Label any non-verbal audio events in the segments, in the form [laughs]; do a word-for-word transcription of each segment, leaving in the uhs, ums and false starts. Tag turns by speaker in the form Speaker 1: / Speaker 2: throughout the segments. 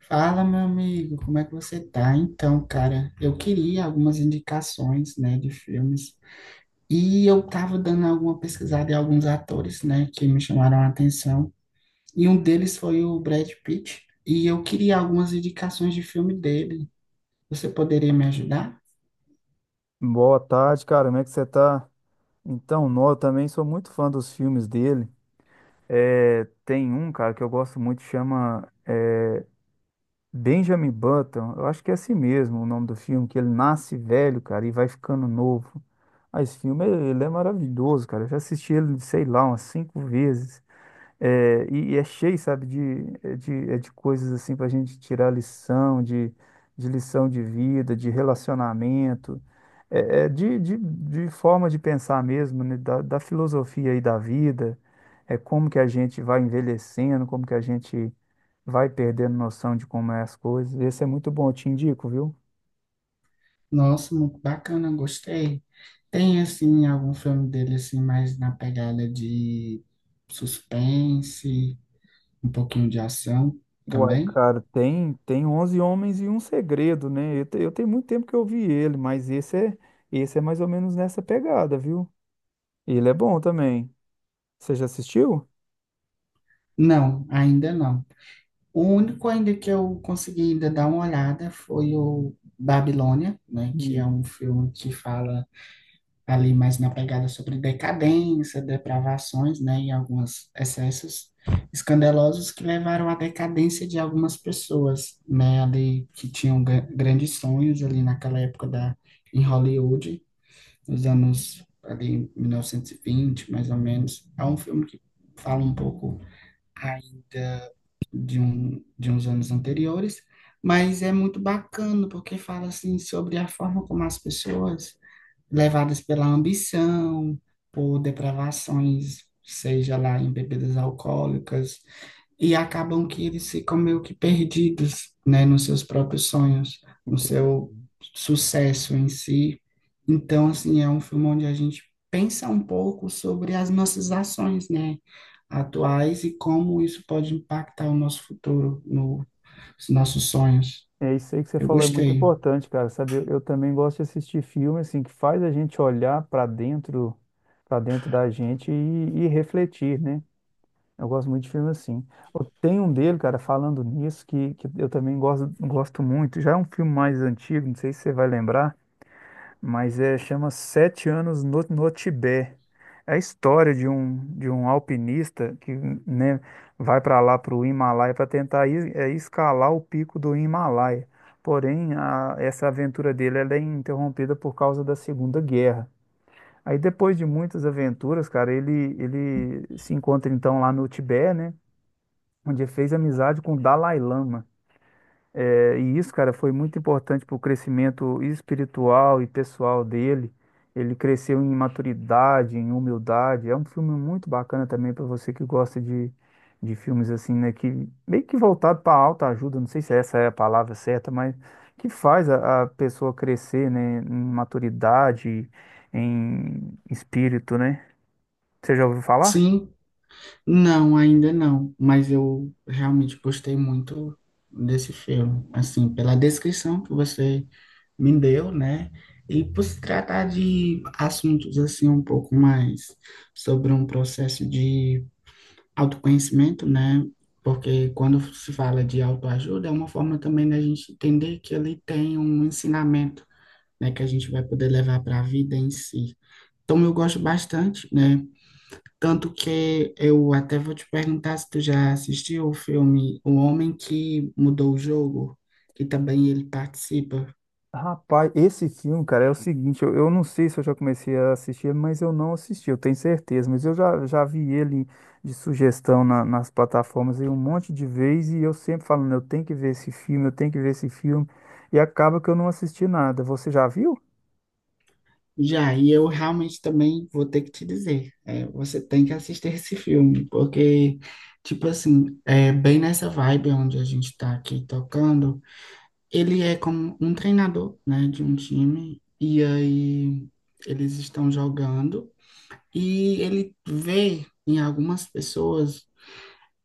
Speaker 1: Fala, meu amigo, como é que você tá? Então, cara, eu queria algumas indicações, né, de filmes. E eu tava dando alguma pesquisada em alguns atores, né, que me chamaram a atenção. E um deles foi o Brad Pitt. E eu queria algumas indicações de filme dele. Você poderia me ajudar?
Speaker 2: Boa tarde, cara. Como é que você tá? Então, nó, eu também sou muito fã dos filmes dele. É, tem um, cara, que eu gosto muito, chama Benjamin Button. Eu acho que é assim mesmo o nome do filme, que ele nasce velho, cara, e vai ficando novo. Ah, esse filme, ele é maravilhoso, cara. Eu já assisti ele, sei lá, umas cinco vezes. É, e, e é cheio, sabe, de, é de, é de coisas assim para a gente tirar lição, de, de lição de vida, de relacionamento, é, é de, de, de forma de pensar mesmo, né, da, da filosofia aí da vida, é como que a gente vai envelhecendo, como que a gente vai perdendo noção de como é as coisas. Esse é muito bom, eu te indico, viu?
Speaker 1: Nossa, muito bacana, gostei. Tem, assim, algum filme dele, assim, mais na pegada de suspense, um pouquinho de ação
Speaker 2: Uai,
Speaker 1: também?
Speaker 2: cara, tem, tem onze Homens e um Segredo, né? Eu, te- eu tenho muito tempo que eu vi ele, mas esse é, esse é mais ou menos nessa pegada, viu? E ele é bom também. Você já assistiu?
Speaker 1: Não, ainda não. O único ainda que eu consegui ainda dar uma olhada foi o Babilônia, né, que é
Speaker 2: Hum,
Speaker 1: um filme que fala ali mais na pegada sobre decadência, depravações, né, e alguns excessos escandalosos que levaram à decadência de algumas pessoas, né, ali que tinham gra- grandes sonhos ali naquela época da em Hollywood, nos anos ali mil novecentos e vinte, mais ou menos. É um filme que fala um pouco ainda de, um, de uns anos anteriores, mas é muito bacana porque fala assim sobre a forma como as pessoas, levadas pela ambição, por depravações, seja lá em bebidas alcoólicas, e acabam que eles ficam meio que perdidos, né, nos seus próprios sonhos, no
Speaker 2: Entendi.
Speaker 1: seu sucesso em si. Então, assim, é um filme onde a gente pensa um pouco sobre as nossas ações, né, atuais e como isso pode impactar o nosso futuro, no, os nossos sonhos.
Speaker 2: É isso aí que você
Speaker 1: Eu
Speaker 2: falou, é muito
Speaker 1: gostei.
Speaker 2: importante, cara, sabe? Eu, eu também gosto de assistir filme, assim, que faz a gente olhar para dentro, para dentro da gente e, e refletir, né? Eu gosto muito de filme assim. Eu tenho um dele, cara, falando nisso, que, que eu também gosto, gosto muito. Já é um filme mais antigo, não sei se você vai lembrar, mas é, chama Sete Anos no, no Tibete. É a história de um, de um alpinista que, né, vai para lá, para o Himalaia, para tentar es- é, escalar o pico do Himalaia. Porém, a- essa aventura dele ela é interrompida por causa da Segunda Guerra. Aí, depois de muitas aventuras, cara, ele, ele se encontra então lá no Tibete, né, onde ele fez amizade com o Dalai Lama. É, e isso, cara, foi muito importante para o crescimento espiritual e pessoal dele. Ele cresceu em maturidade, em humildade. É um filme muito bacana também para você que gosta de, de filmes assim, né? Que meio que voltado para alta ajuda, não sei se essa é a palavra certa, mas que faz a, a pessoa crescer, né? Em maturidade, em espírito, né? Você já ouviu falar?
Speaker 1: Sim, não, ainda não, mas eu realmente gostei muito desse filme, assim, pela descrição que você me deu, né? E por se tratar de assuntos assim um pouco mais sobre um processo de autoconhecimento, né? Porque quando se fala de autoajuda, é uma forma também da gente entender que ele tem um ensinamento, né, que a gente vai poder levar para a vida em si. Então eu gosto bastante, né? Tanto que eu até vou te perguntar se tu já assistiu o filme O Homem que Mudou o Jogo, que também ele participa.
Speaker 2: Rapaz, esse filme, cara, é o seguinte, eu, eu não sei se eu já comecei a assistir, mas eu não assisti, eu tenho certeza, mas eu já, já vi ele de sugestão na- nas plataformas aí um monte de vezes e eu sempre falando, eu tenho que ver esse filme, eu tenho que ver esse filme, e acaba que eu não assisti nada. Você já viu?
Speaker 1: Já, e eu realmente também vou ter que te dizer, é, você tem que assistir esse filme, porque, tipo assim, é bem nessa vibe onde a gente está aqui tocando, ele é como um treinador, né, de um time, e aí eles estão jogando, e ele vê em algumas pessoas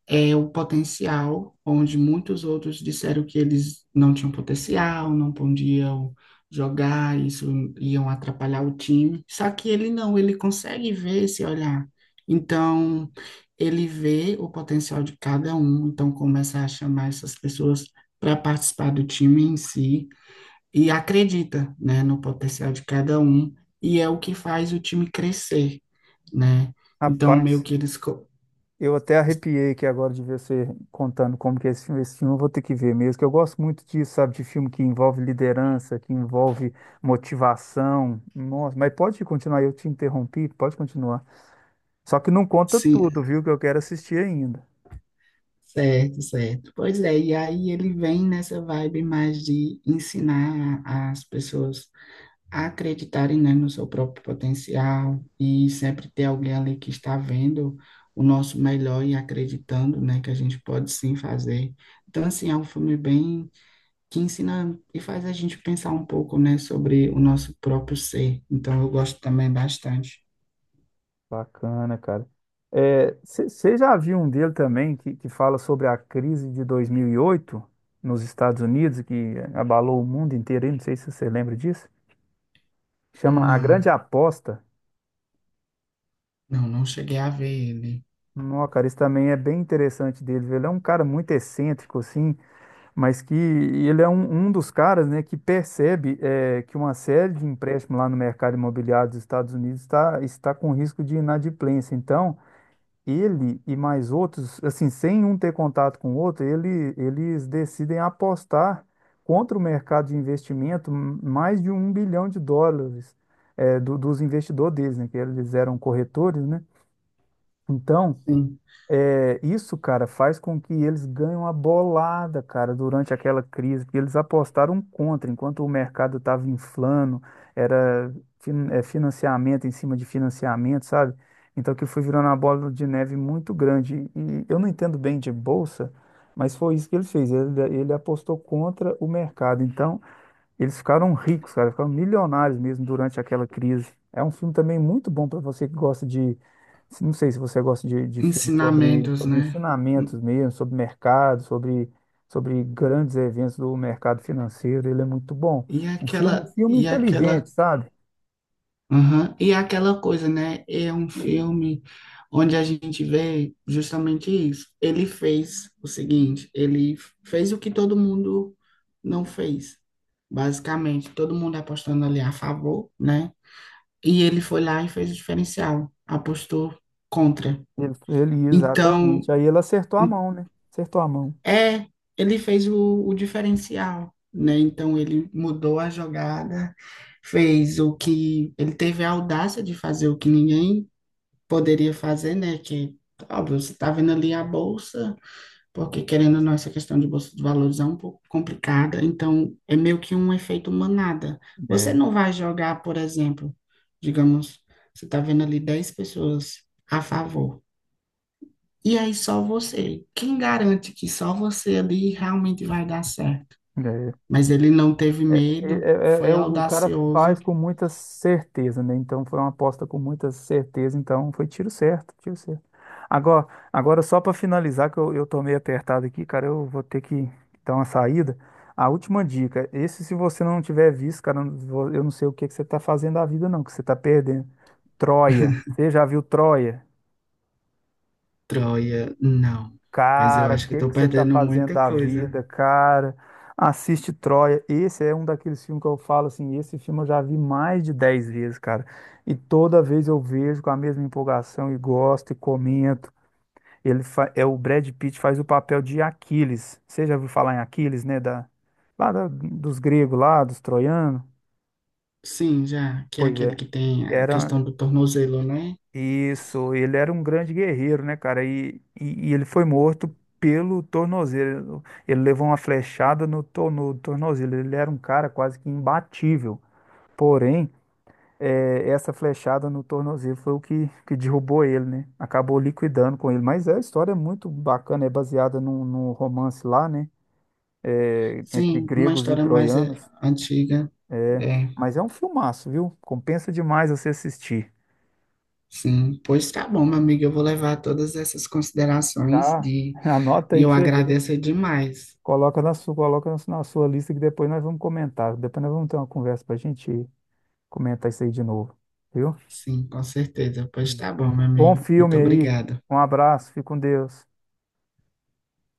Speaker 1: é o potencial, onde muitos outros disseram que eles não tinham potencial, não podiam jogar, isso iam atrapalhar o time. Só que ele não, ele consegue ver esse olhar. Então, ele vê o potencial de cada um, então começa a chamar essas pessoas para participar do time em si e acredita, né, no potencial de cada um e é o que faz o time crescer, né? Então, meio
Speaker 2: Rapaz,
Speaker 1: que eles co-
Speaker 2: eu até arrepiei aqui agora de ver você contando como que é esse filme, esse filme eu vou ter que ver mesmo, que eu gosto muito disso, sabe, de filme que envolve liderança, que envolve motivação. Nossa, mas pode continuar, eu te interrompi, pode continuar. Só que não conta
Speaker 1: se
Speaker 2: tudo, viu? Que eu quero assistir ainda.
Speaker 1: certo, certo. Pois é, e aí ele vem nessa vibe mais de ensinar as pessoas a acreditarem, né, no seu próprio potencial e sempre ter alguém ali que está vendo o nosso melhor e acreditando, né, que a gente pode sim fazer. Então, assim, é um filme bem que ensina e faz a gente pensar um pouco, né, sobre o nosso próprio ser. Então, eu gosto também bastante.
Speaker 2: Bacana, cara. Você já viu um dele também que, que fala sobre a crise de dois mil e oito nos Estados Unidos, que abalou o mundo inteiro? Aí? Não sei se você lembra disso. Chama A Grande
Speaker 1: Não.
Speaker 2: Aposta.
Speaker 1: Não, não cheguei a ver ele.
Speaker 2: Não, cara, esse também é bem interessante dele. Viu? Ele é um cara muito excêntrico, assim, mas que ele é um, um dos caras, né, que percebe eh, que uma série de empréstimos lá no mercado imobiliário dos Estados Unidos está, está com risco de inadimplência. Então, ele e mais outros, assim, sem um ter contato com o outro, ele, eles decidem apostar contra o mercado de investimento m- mais de um bilhão de dólares eh, do- dos investidores deles, né? Que eles eram corretores, né? Então,
Speaker 1: Sim.
Speaker 2: é, isso, cara, faz com que eles ganhem a bolada, cara, durante aquela crise, porque eles apostaram contra, enquanto o mercado estava inflando, era fin- é, financiamento em cima de financiamento, sabe? Então que foi virando uma bola de neve muito grande. E eu não entendo bem de bolsa, mas foi isso que ele fez. Ele, ele apostou contra o mercado. Então, eles ficaram ricos, cara, ficaram milionários mesmo durante aquela crise. É um filme também muito bom para você que gosta de. Não sei se você gosta de, de filmes sobre,
Speaker 1: Ensinamentos,
Speaker 2: sobre
Speaker 1: né?
Speaker 2: ensinamentos mesmo, sobre mercado, sobre, sobre grandes eventos do mercado financeiro. Ele é muito bom.
Speaker 1: E
Speaker 2: Um
Speaker 1: aquela,
Speaker 2: filme, um filme
Speaker 1: e aquela,
Speaker 2: inteligente, sabe?
Speaker 1: aham. E aquela coisa, né? É um filme onde a gente vê justamente isso. Ele fez o seguinte, ele fez o que todo mundo não fez, basicamente. Todo mundo apostando ali a favor, né? E ele foi lá e fez o diferencial, apostou contra.
Speaker 2: Ele, ele,
Speaker 1: Então,
Speaker 2: exatamente. Aí ele acertou a mão, né? Acertou a mão.
Speaker 1: é, ele fez o, o diferencial, né? Então ele mudou a jogada, fez o que ele teve a audácia de fazer o que ninguém poderia fazer, né? Que óbvio, você está vendo ali a bolsa, porque querendo ou não, essa questão de bolsa de valores é um pouco complicada, então é meio que um efeito manada. Você
Speaker 2: É.
Speaker 1: não vai jogar, por exemplo, digamos, você está vendo ali dez pessoas a favor. E aí só você. Quem garante que só você ali realmente vai dar certo?
Speaker 2: É.
Speaker 1: Mas ele não teve
Speaker 2: É,
Speaker 1: medo,
Speaker 2: é- é-
Speaker 1: foi
Speaker 2: é o cara
Speaker 1: audacioso.
Speaker 2: faz com muita certeza, né? Então foi uma aposta com muita certeza, então foi tiro certo, tiro certo. Agora, agora só para finalizar, que eu, eu tô meio apertado aqui, cara, eu vou ter que dar uma saída. A última dica, esse se você não tiver visto, cara, eu não vou- eu não sei o que que você tá fazendo da vida, não, que você tá perdendo. Troia. Você já viu Troia?
Speaker 1: Troia, não. Mas eu
Speaker 2: Cara, o
Speaker 1: acho que
Speaker 2: que
Speaker 1: estou
Speaker 2: que você tá
Speaker 1: perdendo
Speaker 2: fazendo
Speaker 1: muita
Speaker 2: da
Speaker 1: coisa.
Speaker 2: vida, cara? Assiste Troia. Esse é um daqueles filmes que eu falo assim, esse filme eu já vi mais de dez vezes, cara. E toda vez eu vejo com a mesma empolgação e gosto e comento. Ele fa- é o Brad Pitt faz o papel de Aquiles. Você já ouviu falar em Aquiles, né, da lá da- dos gregos lá, dos troianos?
Speaker 1: Sim, já, que é
Speaker 2: Pois
Speaker 1: aquele
Speaker 2: é.
Speaker 1: que tem a
Speaker 2: Era
Speaker 1: questão do tornozelo, né?
Speaker 2: Isso, ele era um grande guerreiro, né, cara? E, e, e ele foi morto pelo tornozelo. Ele levou uma flechada no, to- no tornozelo. Ele era um cara quase que imbatível. Porém, eh, essa flechada no tornozelo foi o que, que derrubou ele, né? Acabou liquidando com ele. Mas é a história é muito bacana, é baseada num, num romance lá, né? Eh, entre
Speaker 1: Sim, uma
Speaker 2: gregos e
Speaker 1: história mais é,
Speaker 2: troianos.
Speaker 1: antiga.
Speaker 2: É,
Speaker 1: É,
Speaker 2: mas é um filmaço, viu? Compensa demais você assistir.
Speaker 1: sim. Pois tá bom, meu amigo, eu vou levar todas essas considerações
Speaker 2: Tá?
Speaker 1: de
Speaker 2: [laughs] Anota
Speaker 1: E
Speaker 2: aí
Speaker 1: eu
Speaker 2: pra você ver.
Speaker 1: agradeço demais.
Speaker 2: Coloca na sua, coloca na sua na sua lista que depois nós vamos comentar. Depois nós vamos ter uma conversa para a gente comentar isso aí de novo, viu?
Speaker 1: Sim, com certeza. Pois tá bom, meu
Speaker 2: Bom
Speaker 1: amigo. Muito
Speaker 2: filme aí.
Speaker 1: obrigada.
Speaker 2: Um abraço, fique com Deus.